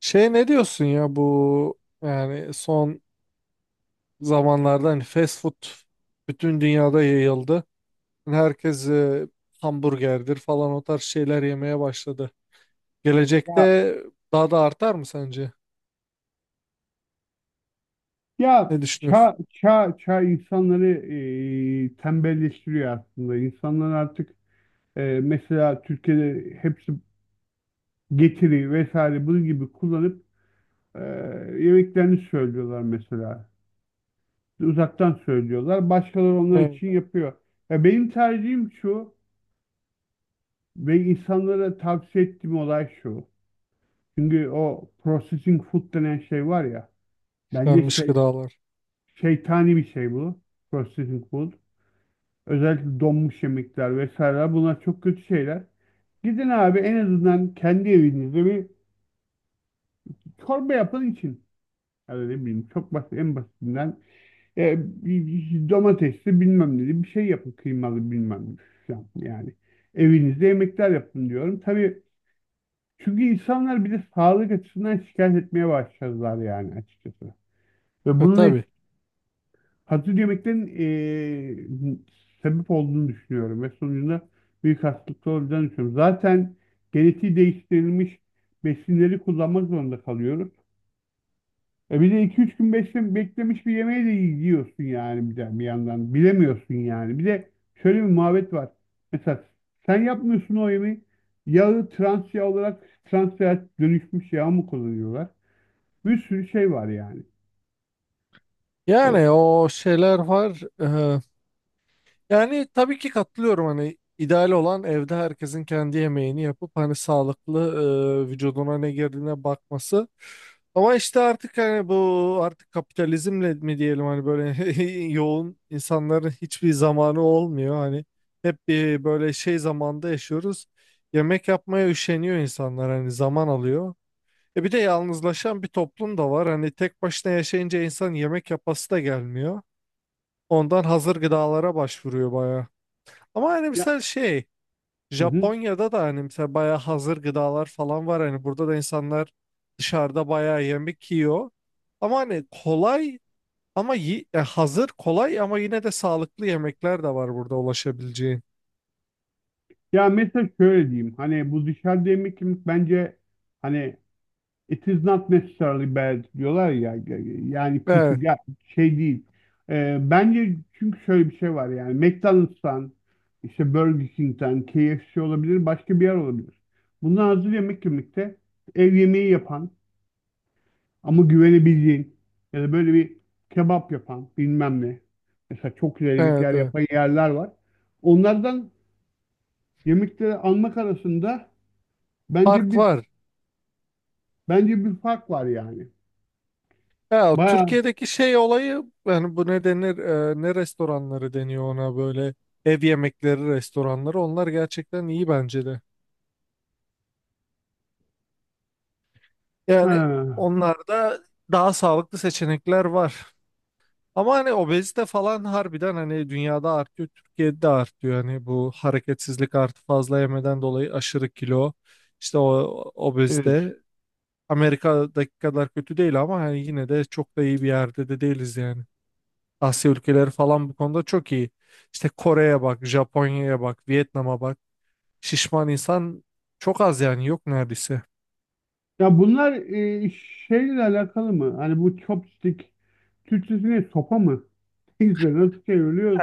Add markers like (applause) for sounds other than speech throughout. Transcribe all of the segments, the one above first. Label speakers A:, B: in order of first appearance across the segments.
A: Şey ne diyorsun ya bu yani son zamanlarda hani fast food bütün dünyada yayıldı. Yani herkes hamburgerdir falan o tarz şeyler yemeye başladı.
B: Ya,
A: Gelecekte daha da artar mı sence?
B: ya
A: Ne düşünüyorsun?
B: çağ, çağ, çağ insanları tembelleştiriyor aslında. İnsanlar artık mesela Türkiye'de hepsi getiri vesaire bunun gibi kullanıp e, yemeklerini söylüyorlar mesela. Uzaktan söylüyorlar. Başkaları onlar
A: Evet.
B: için yapıyor. Ya benim tercihim şu ve insanlara tavsiye ettiğim olay şu. Çünkü o processing food denen şey var ya. Bence
A: işlenmiş
B: şey
A: gıdalar.
B: şeytani bir şey bu. Processing food. Özellikle donmuş yemekler vesaireler bunlar çok kötü şeyler. Gidin abi en azından kendi evinizde bir çorba yapın için. Yani ne bileyim çok basit en basitinden e, bir- domatesli bilmem ne bir şey yapın kıymalı bilmem ne falan yani. Evinizde yemekler yapın diyorum. Tabii çünkü insanlar bir de sağlık açısından şikayet etmeye başladılar yani açıkçası. Ve
A: E
B: bunun
A: tabii.
B: hazır yemeklerin sebep olduğunu düşünüyorum ve sonucunda büyük hastalıklar olacağını düşünüyorum. Zaten genetiği değiştirilmiş besinleri kullanmak zorunda kalıyoruz. E bir de 2-3 gün beklemiş bir yemeği de yiyorsun yani bir yandan. Bilemiyorsun yani. Bir de şöyle bir muhabbet var. Mesela sen yapmıyorsun o yemeği. Yağı trans yağ olarak trans yağ dönüşmüş yağ mı kullanıyorlar? Bir sürü şey var yani. E,
A: Yani o şeyler var. Yani tabii ki katılıyorum hani ideal olan evde herkesin kendi yemeğini yapıp hani sağlıklı vücuduna ne girdiğine bakması. Ama işte artık hani bu artık kapitalizmle mi diyelim hani böyle (laughs) yoğun insanların hiçbir zamanı olmuyor. Hani hep bir böyle şey zamanda yaşıyoruz. Yemek yapmaya üşeniyor insanlar hani zaman alıyor. E bir de yalnızlaşan bir toplum da var. Hani tek başına yaşayınca insan yemek yapası da gelmiyor. Ondan hazır gıdalara başvuruyor bayağı. Ama hani
B: Ya.
A: mesela şey
B: Hı hı.
A: Japonya'da da hani mesela bayağı hazır gıdalar falan var. Hani burada da insanlar dışarıda bayağı yemek yiyor. Ama hani kolay ama hazır kolay ama yine de sağlıklı yemekler de var burada ulaşabileceğin.
B: Ya mesela şöyle diyeyim. Hani bu dışarıda yemek yemek bence hani it is not necessarily bad diyorlar ya. Yani kötü
A: Evet,
B: gel şey değil. Bence çünkü şöyle bir şey var yani. McDonald's'tan işte Burger King'den KFC olabilir başka bir yer olabilir. Bundan hazır yemek yemekte ev yemeği yapan ama güvenebildiğin ya da böyle bir kebap yapan bilmem ne. Mesela çok güzel
A: evet,
B: yemekler
A: evet.
B: yapan yerler var. Onlardan yemekleri almak arasında Bence
A: Fark
B: bir
A: var.
B: bence bir fark var yani.
A: Ya
B: Bayağı
A: Türkiye'deki şey olayı yani bu ne denir ne restoranları deniyor ona böyle ev yemekleri restoranları onlar gerçekten iyi bence de. Yani
B: ha,
A: onlarda daha sağlıklı seçenekler var. Ama hani obezite falan harbiden hani dünyada artıyor, Türkiye'de de artıyor. Hani bu hareketsizlik artı fazla yemeden dolayı aşırı kilo, işte o
B: evet.
A: obezite Amerika'daki kadar kötü değil ama hani yine de çok da iyi bir yerde de değiliz yani. Asya ülkeleri falan bu konuda çok iyi. İşte Kore'ye bak, Japonya'ya bak, Vietnam'a bak. Şişman insan çok az yani yok neredeyse.
B: Ya bunlar şeyle alakalı mı? Hani bu chopstick Türkçesi ne? Sopa mı? (laughs) Neyse nasıl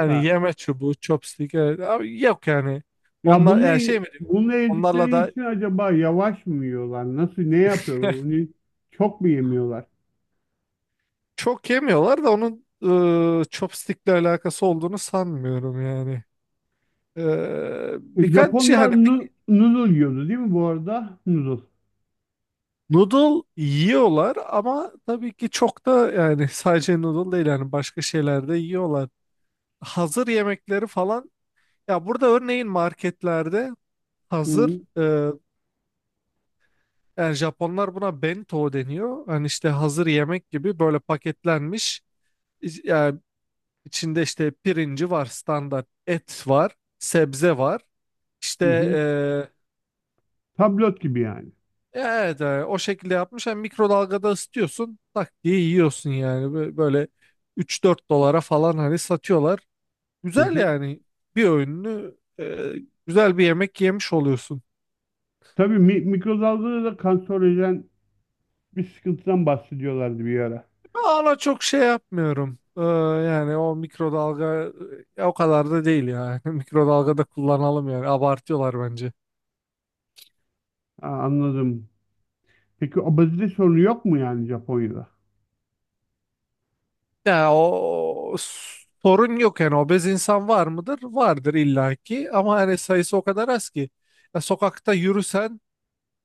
A: Yani yeme çubuğu, chopstick evet. Abi yok yani.
B: Ya
A: Onlar yani
B: bununla,
A: şey mi diyeyim,
B: bununla
A: onlarla
B: yedikleri
A: da.
B: için acaba yavaş mı yiyorlar? Nasıl ne
A: (laughs)
B: yapıyorlar? Onu çok mu yemiyorlar?
A: Çok yemiyorlar da onun chopstick'le alakası olduğunu sanmıyorum yani. E,
B: E,
A: birkaç şey
B: Japonlar
A: hani
B: noodle yiyordu değil mi bu arada? Noodle.
A: noodle yiyorlar ama tabii ki çok da yani sadece noodle değil yani başka şeyler de yiyorlar. Hazır yemekleri falan ya burada örneğin marketlerde hazır
B: Hı
A: yani Japonlar buna bento deniyor. Hani işte hazır yemek gibi böyle paketlenmiş yani içinde işte pirinci var standart et var sebze var. İşte
B: hı. hı. Tablet gibi yani.
A: evet yani o şekilde yapmış. Hem mikrodalgada ısıtıyorsun tak diye yiyorsun yani. Böyle 3-4 dolara falan hani satıyorlar.
B: Hı
A: Güzel
B: hı.
A: yani bir öğününü e, güzel bir yemek yemiş oluyorsun.
B: Tabii, mikrodalgada da kanserojen bir sıkıntıdan bahsediyorlardı bir ara.
A: Ana çok şey yapmıyorum. Yani o mikrodalga o kadar da değil yani. (laughs) Mikrodalgada kullanalım yani abartıyorlar bence.
B: Ha, anladım. Peki obezite sorunu yok mu yani Japonya'da?
A: Ya o sorun yok yani obez insan var mıdır? Vardır illaki ama hani sayısı o kadar az ki. Ya sokakta yürüsen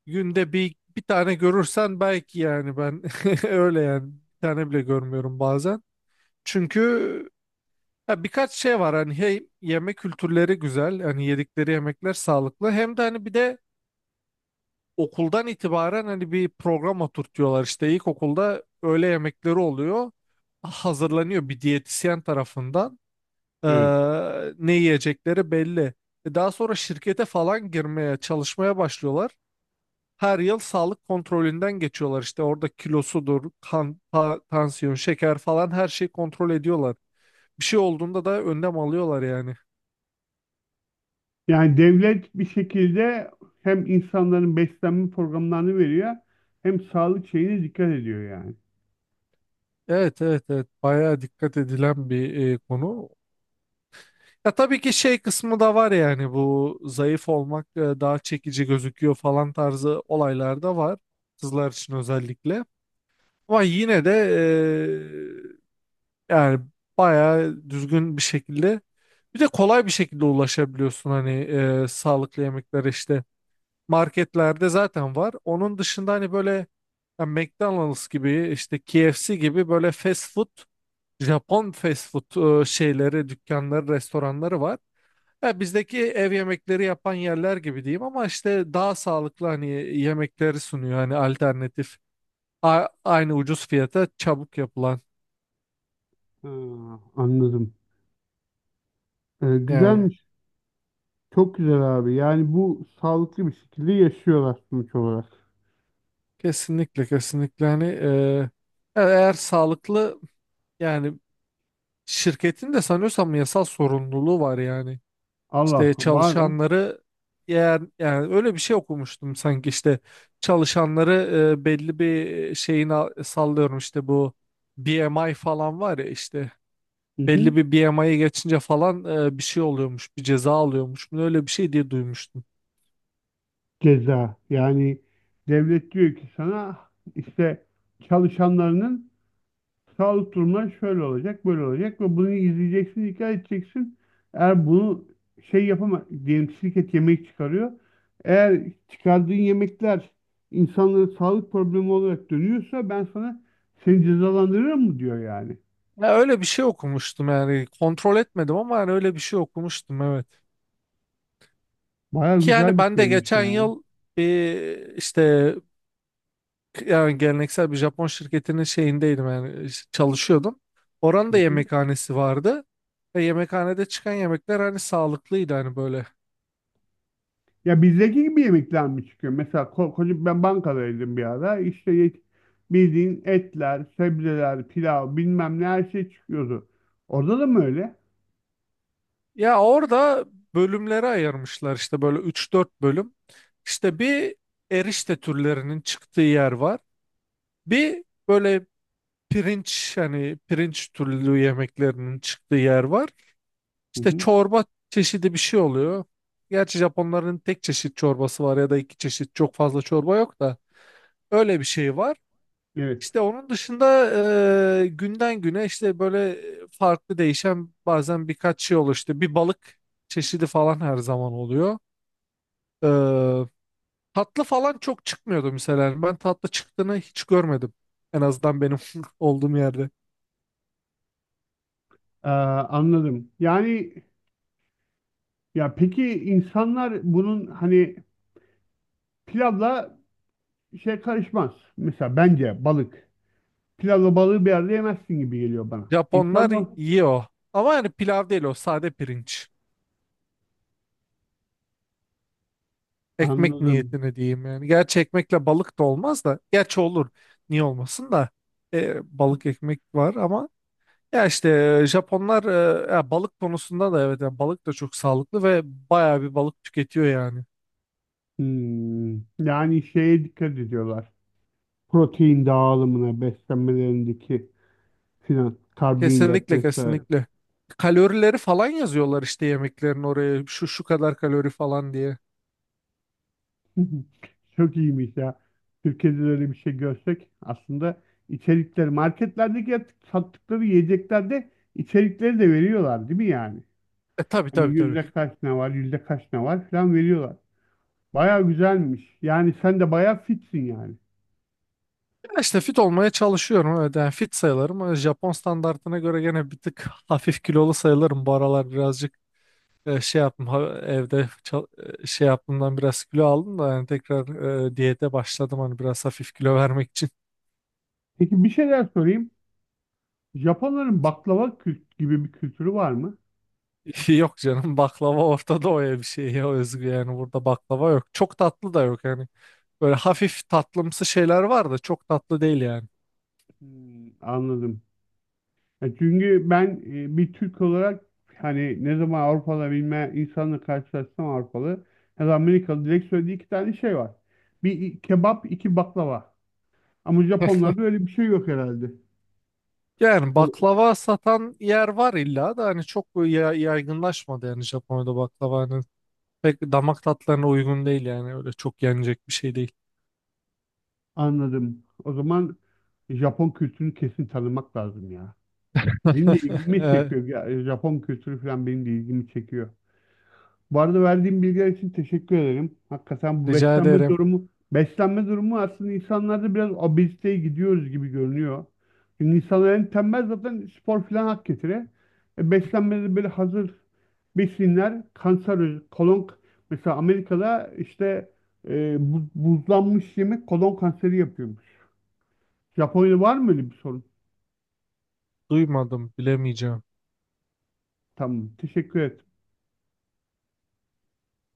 A: günde bir tane görürsen belki yani ben (laughs) öyle yani bir tane bile görmüyorum bazen. Çünkü ya birkaç şey var hani hey yemek kültürleri güzel hani yedikleri yemekler sağlıklı hem de hani bir de okuldan itibaren hani bir program oturtuyorlar işte ilkokulda öğle yemekleri oluyor
B: Hı hı.
A: hazırlanıyor bir diyetisyen tarafından. Ee,
B: Evet.
A: ne yiyecekleri belli. Daha sonra şirkete falan girmeye, çalışmaya başlıyorlar. Her yıl sağlık kontrolünden geçiyorlar. İşte orada kilosudur, kan, tansiyon, şeker falan her şeyi kontrol ediyorlar. Bir şey olduğunda da önlem alıyorlar yani.
B: Yani devlet bir şekilde hem insanların beslenme programlarını veriyor hem sağlık şeyine dikkat ediyor yani.
A: Evet, evet, evet, bayağı dikkat edilen bir konu. Ya tabii ki şey kısmı da var yani bu zayıf olmak daha çekici gözüküyor falan tarzı olaylar da var. Kızlar için özellikle. Ama yine de yani bayağı düzgün bir şekilde bir de kolay bir şekilde ulaşabiliyorsun hani sağlıklı yemeklere işte marketlerde zaten var. Onun dışında hani böyle ya McDonald's gibi işte KFC gibi böyle fast food Japon fast food şeyleri dükkanları restoranları var. Ya bizdeki ev yemekleri yapan yerler gibi diyeyim ama işte daha sağlıklı hani yemekleri sunuyor hani alternatif aynı ucuz fiyata çabuk yapılan
B: Ha, anladım.
A: yani.
B: Güzelmiş. Çok güzel abi. Yani bu sağlıklı bir şekilde yaşıyorlar sonuç olarak.
A: Kesinlikle, kesinlikle hani eğer sağlıklı yani şirketin de sanıyorsam yasal sorumluluğu var yani
B: Allah
A: işte
B: var mı?
A: çalışanları eğer yani öyle bir şey okumuştum sanki işte çalışanları belli bir şeyin sallıyorum işte bu B M I falan var ya işte
B: Hı hı.
A: belli bir BMI'ye geçince falan bir şey oluyormuş, bir ceza alıyormuş. Öyle bir şey diye duymuştum.
B: Ceza. Yani devlet diyor ki sana işte çalışanlarının sağlık durumları şöyle olacak, böyle olacak ve bunu izleyeceksin, dikkat edeceksin. Eğer bunu şey yapama diyelim şirket yemek çıkarıyor. Eğer çıkardığın yemekler insanlara sağlık problemi olarak dönüyorsa ben sana seni cezalandırırım mı diyor yani.
A: Ya öyle bir şey okumuştum yani kontrol etmedim ama yani öyle bir şey okumuştum evet.
B: Baya
A: Ki yani
B: güzel bir
A: ben de
B: şeymiş
A: geçen
B: yani.
A: yıl bir işte yani geleneksel bir Japon şirketinin şeyindeydim yani çalışıyordum. Oranın da yemekhanesi vardı. Ve yemekhanede çıkan yemekler hani sağlıklıydı hani böyle.
B: Ya bizdeki gibi yemekler mi çıkıyor? Mesela koca ben bankadaydım bir ara. İşte bildiğin etler, sebzeler, pilav bilmem ne her şey çıkıyordu. Orada da mı öyle?
A: Ya orada bölümlere ayırmışlar işte böyle üç dört bölüm. İşte bir erişte türlerinin çıktığı yer var. Bir böyle pirinç hani pirinç türlü yemeklerinin çıktığı yer var.
B: Hı
A: İşte
B: hı.
A: çorba çeşidi bir şey oluyor. Gerçi Japonların tek çeşit çorbası var ya da iki çeşit, çok fazla çorba yok da. Öyle bir şey var.
B: Evet.
A: İşte onun dışında günden güne işte böyle farklı değişen bazen birkaç şey oluyor. İşte bir balık çeşidi falan her zaman oluyor. E, tatlı falan çok çıkmıyordu mesela. Yani ben tatlı çıktığını hiç görmedim. En azından benim (laughs) olduğum yerde.
B: Anladım. Yani, peki insanlar bunun hani pilavla şey karışmaz. Mesela bence balık. Pilavla balığı bir arada yemezsin gibi geliyor bana.
A: Japonlar
B: İnsanlar
A: yiyor. Ama yani pilav değil, o sade pirinç. Ekmek
B: anladım.
A: niyetine diyeyim yani. Gerçi ekmekle balık da olmaz da. Gerçi olur. Niye olmasın da. Balık ekmek var ama. Ya işte Japonlar ya balık konusunda da evet yani balık da çok sağlıklı ve bayağı bir balık tüketiyor yani.
B: Hmm. Yani şeye dikkat ediyorlar. Protein dağılımına, beslenmelerindeki filan karbonhidrat
A: Kesinlikle,
B: vesaire.
A: kesinlikle. Kalorileri falan yazıyorlar işte yemeklerin oraya şu şu kadar kalori falan diye.
B: (laughs) Çok iyiymiş ya. Türkiye'de de öyle bir şey görsek aslında içerikleri marketlerdeki sattıkları yiyeceklerde içerikleri de veriyorlar değil mi yani?
A: E tabii,
B: Hani
A: tabii, tabii.
B: yüzde kaç ne var, yüzde kaç ne var filan veriyorlar. Baya güzelmiş. Yani sen de baya fitsin yani.
A: Ya işte fit olmaya çalışıyorum evet yani fit sayılırım. Ama Japon standartına göre gene bir tık hafif kilolu sayılırım. Bu aralar birazcık şey yaptım evde şey yaptığımdan biraz kilo aldım da yani tekrar diyete başladım hani biraz hafif kilo vermek için.
B: Peki bir şeyler sorayım. Japonların baklava kült gibi bir kültürü var mı?
A: (laughs) Yok canım, baklava Orta Doğu'ya bir şey ya, özgü yani, burada baklava yok. Çok tatlı da yok yani. Böyle hafif tatlımsı şeyler var da çok tatlı değil yani.
B: Hmm, anladım. Ya çünkü ben bir Türk olarak hani ne zaman Avrupalı bilme insanla karşılaşsam Avrupalı ya da Amerikalı direkt söylediği iki tane şey var. Bir kebap, iki baklava. Ama Japonlarda öyle bir şey yok herhalde.
A: Yani
B: O-
A: baklava satan yer var illa da hani çok böyle yaygınlaşmadı yani, Japonya'da baklava hani pek damak tatlarına uygun değil yani, öyle çok yenecek bir şey değil.
B: Anladım. O zaman Japon kültürünü kesin tanımak lazım ya. Benim de
A: (laughs)
B: ilgimi
A: Ee,
B: çekiyor. Ya, Japon kültürü falan benim de ilgimi çekiyor. Bu arada verdiğim bilgiler için teşekkür ederim. Hakikaten
A: Rica ederim.
B: beslenme durumu aslında insanlarda biraz obeziteye gidiyoruz gibi görünüyor. Çünkü insanlar en tembel zaten spor falan hak getire. E, beslenmede böyle hazır besinler, kanser, kolon, mesela Amerika'da işte buzlanmış yemek kolon kanseri yapıyormuş. Japonya'da var mı öyle bir sorun?
A: Duymadım, bilemeyeceğim.
B: Tamam, teşekkür ederim.